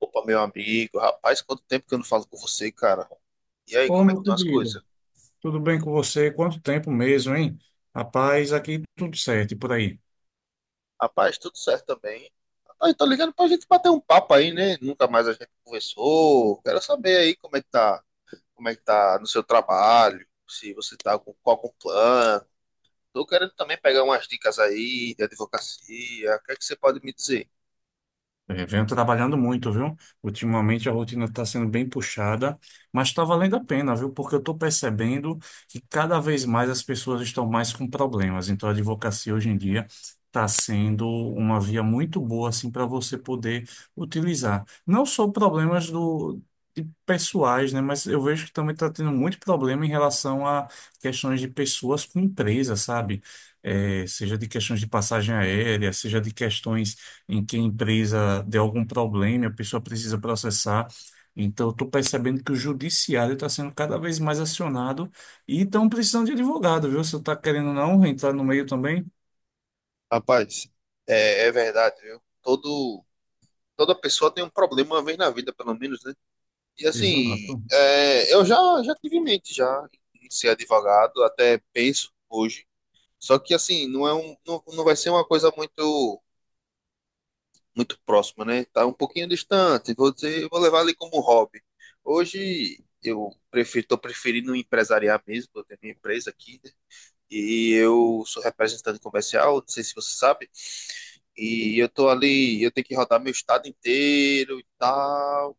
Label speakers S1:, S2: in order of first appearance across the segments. S1: Opa, meu amigo, rapaz, quanto tempo que eu não falo com você, cara. E aí,
S2: Ô,
S1: como é que
S2: meu
S1: estão as
S2: querido,
S1: coisas?
S2: tudo bem com você? Quanto tempo mesmo, hein? Rapaz, aqui tudo certo e por aí.
S1: Rapaz, tudo certo também. Rapaz, tô ligando pra gente bater um papo aí, né? Nunca mais a gente conversou. Quero saber aí como é que tá no seu trabalho, se você tá com plano. Tô querendo também pegar umas dicas aí de advocacia. O que é que você pode me dizer?
S2: Venho trabalhando muito, viu? Ultimamente a rotina está sendo bem puxada, mas está valendo a pena, viu? Porque eu estou percebendo que cada vez mais as pessoas estão mais com problemas. Então a advocacia hoje em dia está sendo uma via muito boa assim para você poder utilizar. Não só problemas do de pessoais, né? Mas eu vejo que também está tendo muito problema em relação a questões de pessoas com empresa, sabe? Seja de questões de passagem aérea, seja de questões em que a empresa deu algum problema, e a pessoa precisa processar. Então, estou percebendo que o judiciário está sendo cada vez mais acionado e estão precisando de advogado, viu? Você está querendo ou não entrar no meio também?
S1: Rapaz, é verdade, viu? Toda pessoa tem um problema uma vez na vida, pelo menos, né? E assim,
S2: Exato.
S1: eu já tive em mente já em ser advogado, até penso hoje. Só que assim, não vai ser uma coisa muito muito próxima, né? Tá um pouquinho distante. Vou levar ali como hobby. Hoje tô preferindo empresariar mesmo, eu tenho minha empresa aqui, né? E eu sou representante comercial, não sei se você sabe, e eu tô ali, eu tenho que rodar meu estado inteiro e tal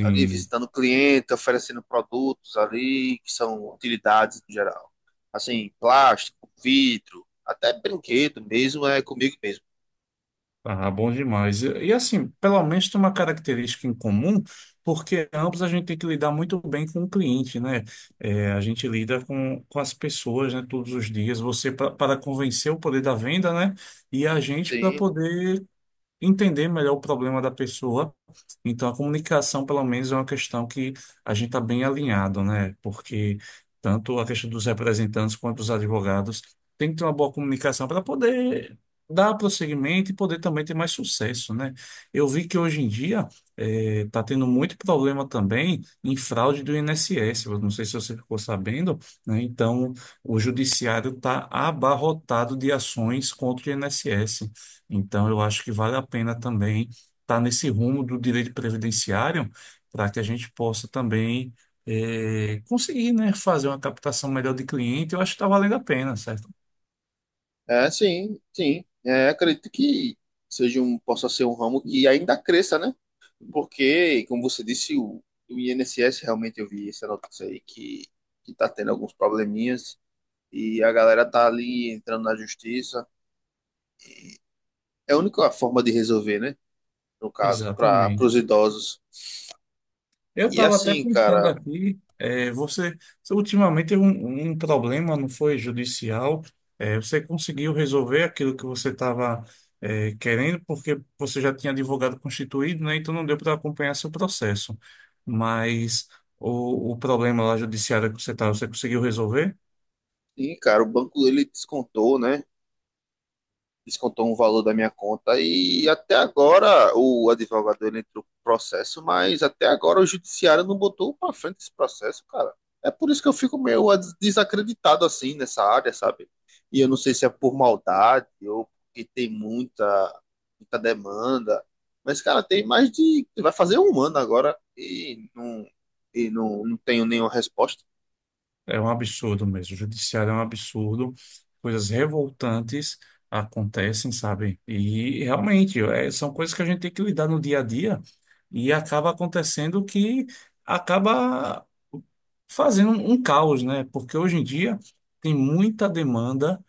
S1: ali visitando o cliente, oferecendo produtos ali que são utilidades em geral. Assim, plástico, vidro, até brinquedo mesmo, é comigo mesmo.
S2: ah, bom demais. Assim, pelo menos tem uma característica em comum, porque ambos a gente tem que lidar muito bem com o cliente, né? É, a gente lida com as pessoas, né, todos os dias. Você para convencer o poder da venda, né? E a gente para
S1: Sim,
S2: poder entender melhor o problema da pessoa. Então, a comunicação, pelo menos, é uma questão que a gente está bem alinhado, né? Porque tanto a questão dos representantes quanto dos advogados tem que ter uma boa comunicação para poder dar prosseguimento e poder também ter mais sucesso, né? Eu vi que hoje em dia está tendo muito problema também em fraude do INSS. Eu não sei se você ficou sabendo, né? Então, o judiciário está abarrotado de ações contra o INSS. Então, eu acho que vale a pena também estar nesse rumo do direito previdenciário para que a gente possa também conseguir, né, fazer uma captação melhor de cliente. Eu acho que está valendo a pena, certo?
S1: sim, sim. Acredito que possa ser um ramo que ainda cresça, né? Porque, como você disse, o INSS, realmente eu vi essa notícia aí, que está tendo alguns probleminhas e a galera tá ali entrando na justiça. É a única forma de resolver, né? No caso, para
S2: Exatamente.
S1: os idosos.
S2: Eu
S1: E
S2: estava até
S1: assim,
S2: pensando
S1: cara,
S2: aqui, você, você ultimamente teve um problema, não foi judicial, você conseguiu resolver aquilo que você estava querendo, porque você já tinha advogado constituído, né? Então não deu para acompanhar seu processo. Mas o problema lá judiciário que você estava, você conseguiu resolver?
S1: sim, cara, o banco ele descontou, né? Descontou um valor da minha conta e até agora o advogado ele entrou com processo, mas até agora o judiciário não botou um pra frente esse processo, cara. É por isso que eu fico meio desacreditado assim nessa área, sabe? E eu não sei se é por maldade ou porque tem muita muita demanda, mas cara, tem mais de vai fazer um ano agora e não não tenho nenhuma resposta.
S2: É um absurdo mesmo. O judiciário é um absurdo. Coisas revoltantes acontecem, sabe? E realmente é, são coisas que a gente tem que lidar no dia a dia e acaba acontecendo que acaba fazendo um caos, né? Porque hoje em dia tem muita demanda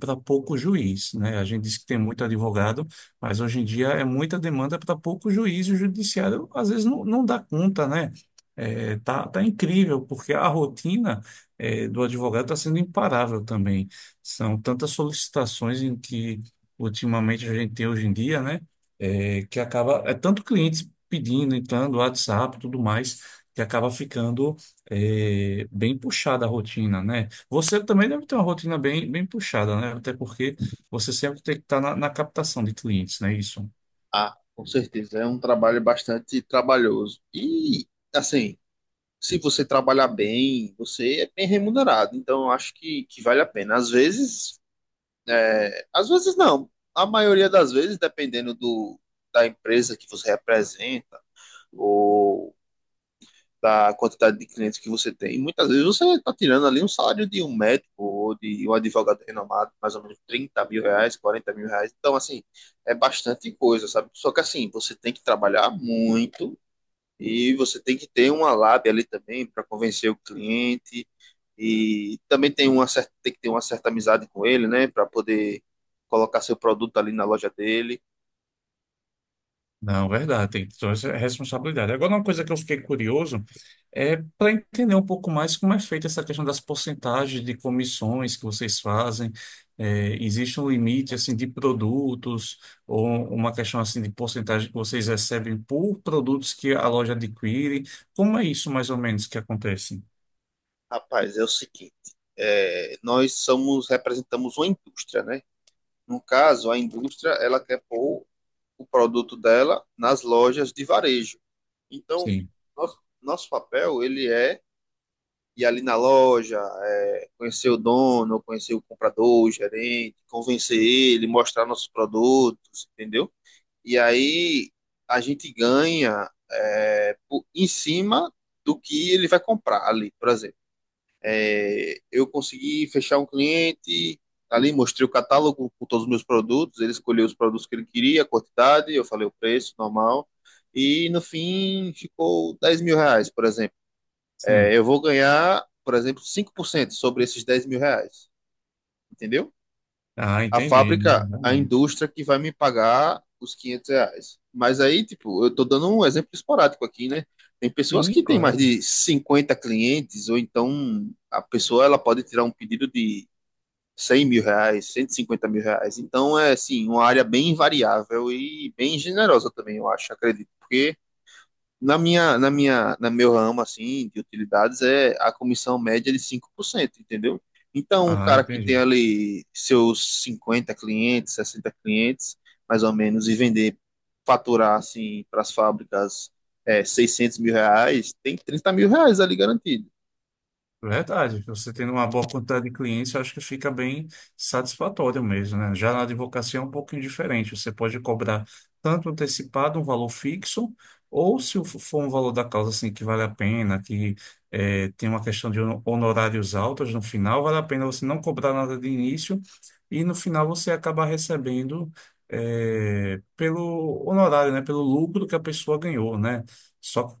S2: para pouco juiz, né? A gente diz que tem muito advogado, mas hoje em dia é muita demanda para pouco juiz e o judiciário às vezes não dá conta, né? Tá, tá incrível, porque a rotina do advogado está sendo imparável também. São tantas solicitações em que ultimamente a gente tem hoje em dia, né? Que acaba, é tanto clientes pedindo, entrando, WhatsApp, tudo mais, que acaba ficando bem puxada a rotina, né? Você também deve ter uma rotina bem puxada, né? Até porque você sempre tem que estar na captação de clientes, né isso?
S1: Ah, com certeza. É um trabalho bastante trabalhoso. E, assim, se você trabalhar bem, você é bem remunerado. Então, eu acho que vale a pena. Às vezes, é, às vezes não. A maioria das vezes, dependendo da empresa que você representa, ou da quantidade de clientes que você tem. E muitas vezes você está tirando ali um salário de um médico ou de um advogado renomado, mais ou menos 30 mil reais, 40 mil reais. Então, assim, é bastante coisa, sabe? Só que, assim, você tem que trabalhar muito e você tem que ter uma lábia ali também para convencer o cliente. E também tem que ter uma certa amizade com ele, né? Para poder colocar seu produto ali na loja dele.
S2: Não, verdade, tem toda essa responsabilidade. Agora, uma coisa que eu fiquei curioso é para entender um pouco mais como é feita essa questão das porcentagens de comissões que vocês fazem. É, existe um limite assim de produtos ou uma questão assim de porcentagem que vocês recebem por produtos que a loja adquire? Como é isso mais ou menos que acontece?
S1: Rapaz, é o seguinte. É, nós somos representamos uma indústria, né? No caso, a indústria, ela quer pôr o produto dela nas lojas de varejo. Então,
S2: Sim,
S1: nosso papel, ele é ir ali na loja, conhecer o dono, conhecer o comprador, o gerente, convencer ele, mostrar nossos produtos, entendeu? E aí a gente ganha em cima do que ele vai comprar ali, por exemplo. Eu consegui fechar um cliente ali, mostrei o catálogo com todos os meus produtos, ele escolheu os produtos que ele queria, a quantidade, eu falei o preço normal, e no fim ficou 10 mil reais, por exemplo.
S2: sim.
S1: Eu vou ganhar, por exemplo, 5% sobre esses 10 mil reais, entendeu?
S2: Ah,
S1: A
S2: entendi. Não,
S1: fábrica, a
S2: realmente.
S1: indústria que vai me pagar os R$ 500. Mas aí, tipo, eu tô dando um exemplo esporádico aqui, né? Tem pessoas
S2: Sim,
S1: que têm mais
S2: claro.
S1: de 50 clientes, ou então a pessoa ela pode tirar um pedido de 100 mil reais, 150 mil reais. Então é assim, uma área bem variável e bem generosa também, eu acho, acredito, porque na meu ramo assim de utilidades a comissão média é de 5%, entendeu? Então, um
S2: Ah,
S1: cara que tem
S2: entendi.
S1: ali seus 50 clientes, 60 clientes, mais ou menos, e vender, faturar assim para as fábricas 600 mil reais, tem 30 mil reais ali garantido.
S2: Verdade, você tendo uma boa quantidade de clientes, eu acho que fica bem satisfatório mesmo, né? Já na advocacia é um pouquinho diferente, você pode cobrar tanto antecipado um valor fixo, ou se o- for um valor da causa assim que vale a pena, que tem uma questão de honorários altos no final, vale a pena você não cobrar nada de início e no final você acaba recebendo pelo honorário, né? Pelo lucro que a pessoa ganhou, né? Só que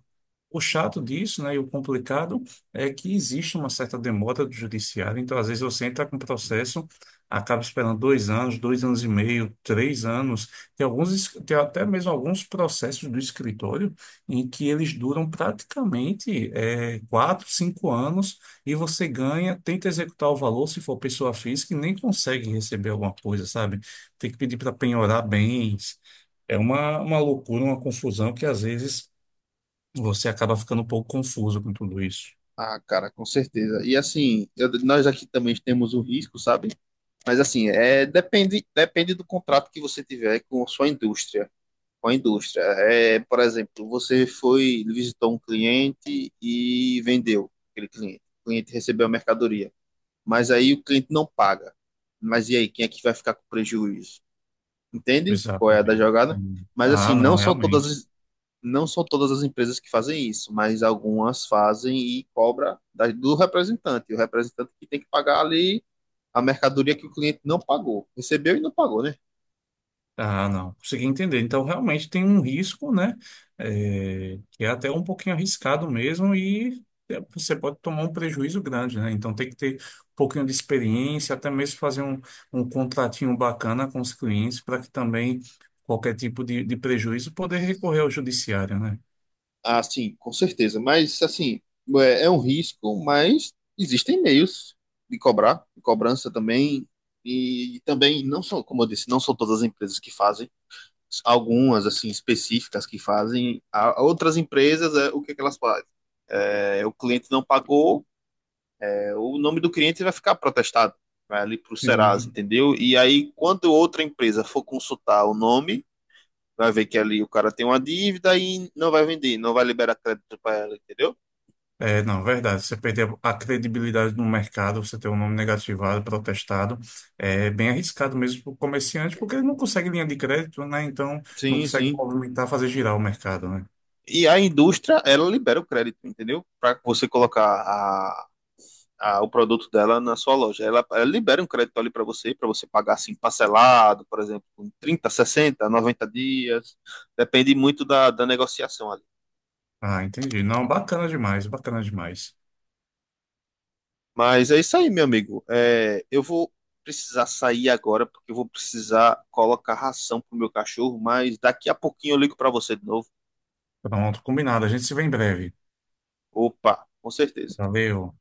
S2: o chato disso, né, e o complicado é que existe uma certa demora do judiciário, então às vezes você entra com processo, acaba esperando dois anos e meio, três anos, tem alguns, tem até mesmo alguns processos do escritório em que eles duram praticamente quatro, cinco anos e você ganha, tenta executar o valor se for pessoa física e nem consegue receber alguma coisa, sabe? Tem que pedir para penhorar bens. É uma loucura, uma confusão que às vezes você acaba ficando um pouco confuso com tudo isso.
S1: Ah, cara, com certeza. E assim, nós aqui também temos o risco, sabe? Mas assim, depende do contrato que você tiver com a sua indústria. Com a indústria. Por exemplo, visitou um cliente e vendeu aquele cliente. O cliente recebeu a mercadoria. Mas aí o cliente não paga. Mas e aí, quem é que vai ficar com prejuízo? Entende? Qual é a da
S2: Exatamente.
S1: jogada?
S2: Hum.
S1: Mas assim,
S2: Ah, não, realmente.
S1: não são todas as empresas que fazem isso, mas algumas fazem e cobra do representante. O representante que tem que pagar ali a mercadoria que o cliente não pagou. Recebeu e não pagou, né?
S2: Ah, não. Consegui entender. Então, realmente tem um risco, né? É, que é até um pouquinho arriscado mesmo e é, você pode tomar um prejuízo grande, né? Então, tem que ter um pouquinho de experiência, até mesmo fazer um contratinho bacana com os clientes para que também qualquer tipo de prejuízo poder recorrer ao judiciário, né?
S1: Ah, sim, com certeza. Mas, assim, é um risco, mas existem meios de cobrar, de cobrança também. E, também, não são, como eu disse, não são todas as empresas que fazem. Algumas, assim, específicas que fazem. Há outras empresas, o que é que elas fazem? O cliente não pagou, o nome do cliente vai ficar protestado, vai ali para o Serasa,
S2: Sim.
S1: entendeu? E aí, quando outra empresa for consultar o nome, vai ver que ali o cara tem uma dívida e não vai vender, não vai liberar crédito para ela, entendeu?
S2: É, não, verdade. Você perder a credibilidade no mercado, você ter um nome negativado, protestado, é bem arriscado mesmo para o comerciante, porque ele não consegue linha de crédito, né? Então, não
S1: Sim,
S2: consegue
S1: sim.
S2: movimentar, fazer girar o mercado, né?
S1: E a indústria, ela libera o crédito, entendeu? Para você colocar o produto dela na sua loja. Ela libera um crédito ali para você pagar assim parcelado, por exemplo, em 30, 60, 90 dias. Depende muito da negociação ali.
S2: Ah, entendi. Não, bacana demais, bacana demais.
S1: Mas é isso aí, meu amigo. Eu vou precisar sair agora porque eu vou precisar colocar ração pro meu cachorro, mas daqui a pouquinho eu ligo para você de novo.
S2: Pronto, combinado. A gente se vê em breve.
S1: Opa, com certeza.
S2: Valeu.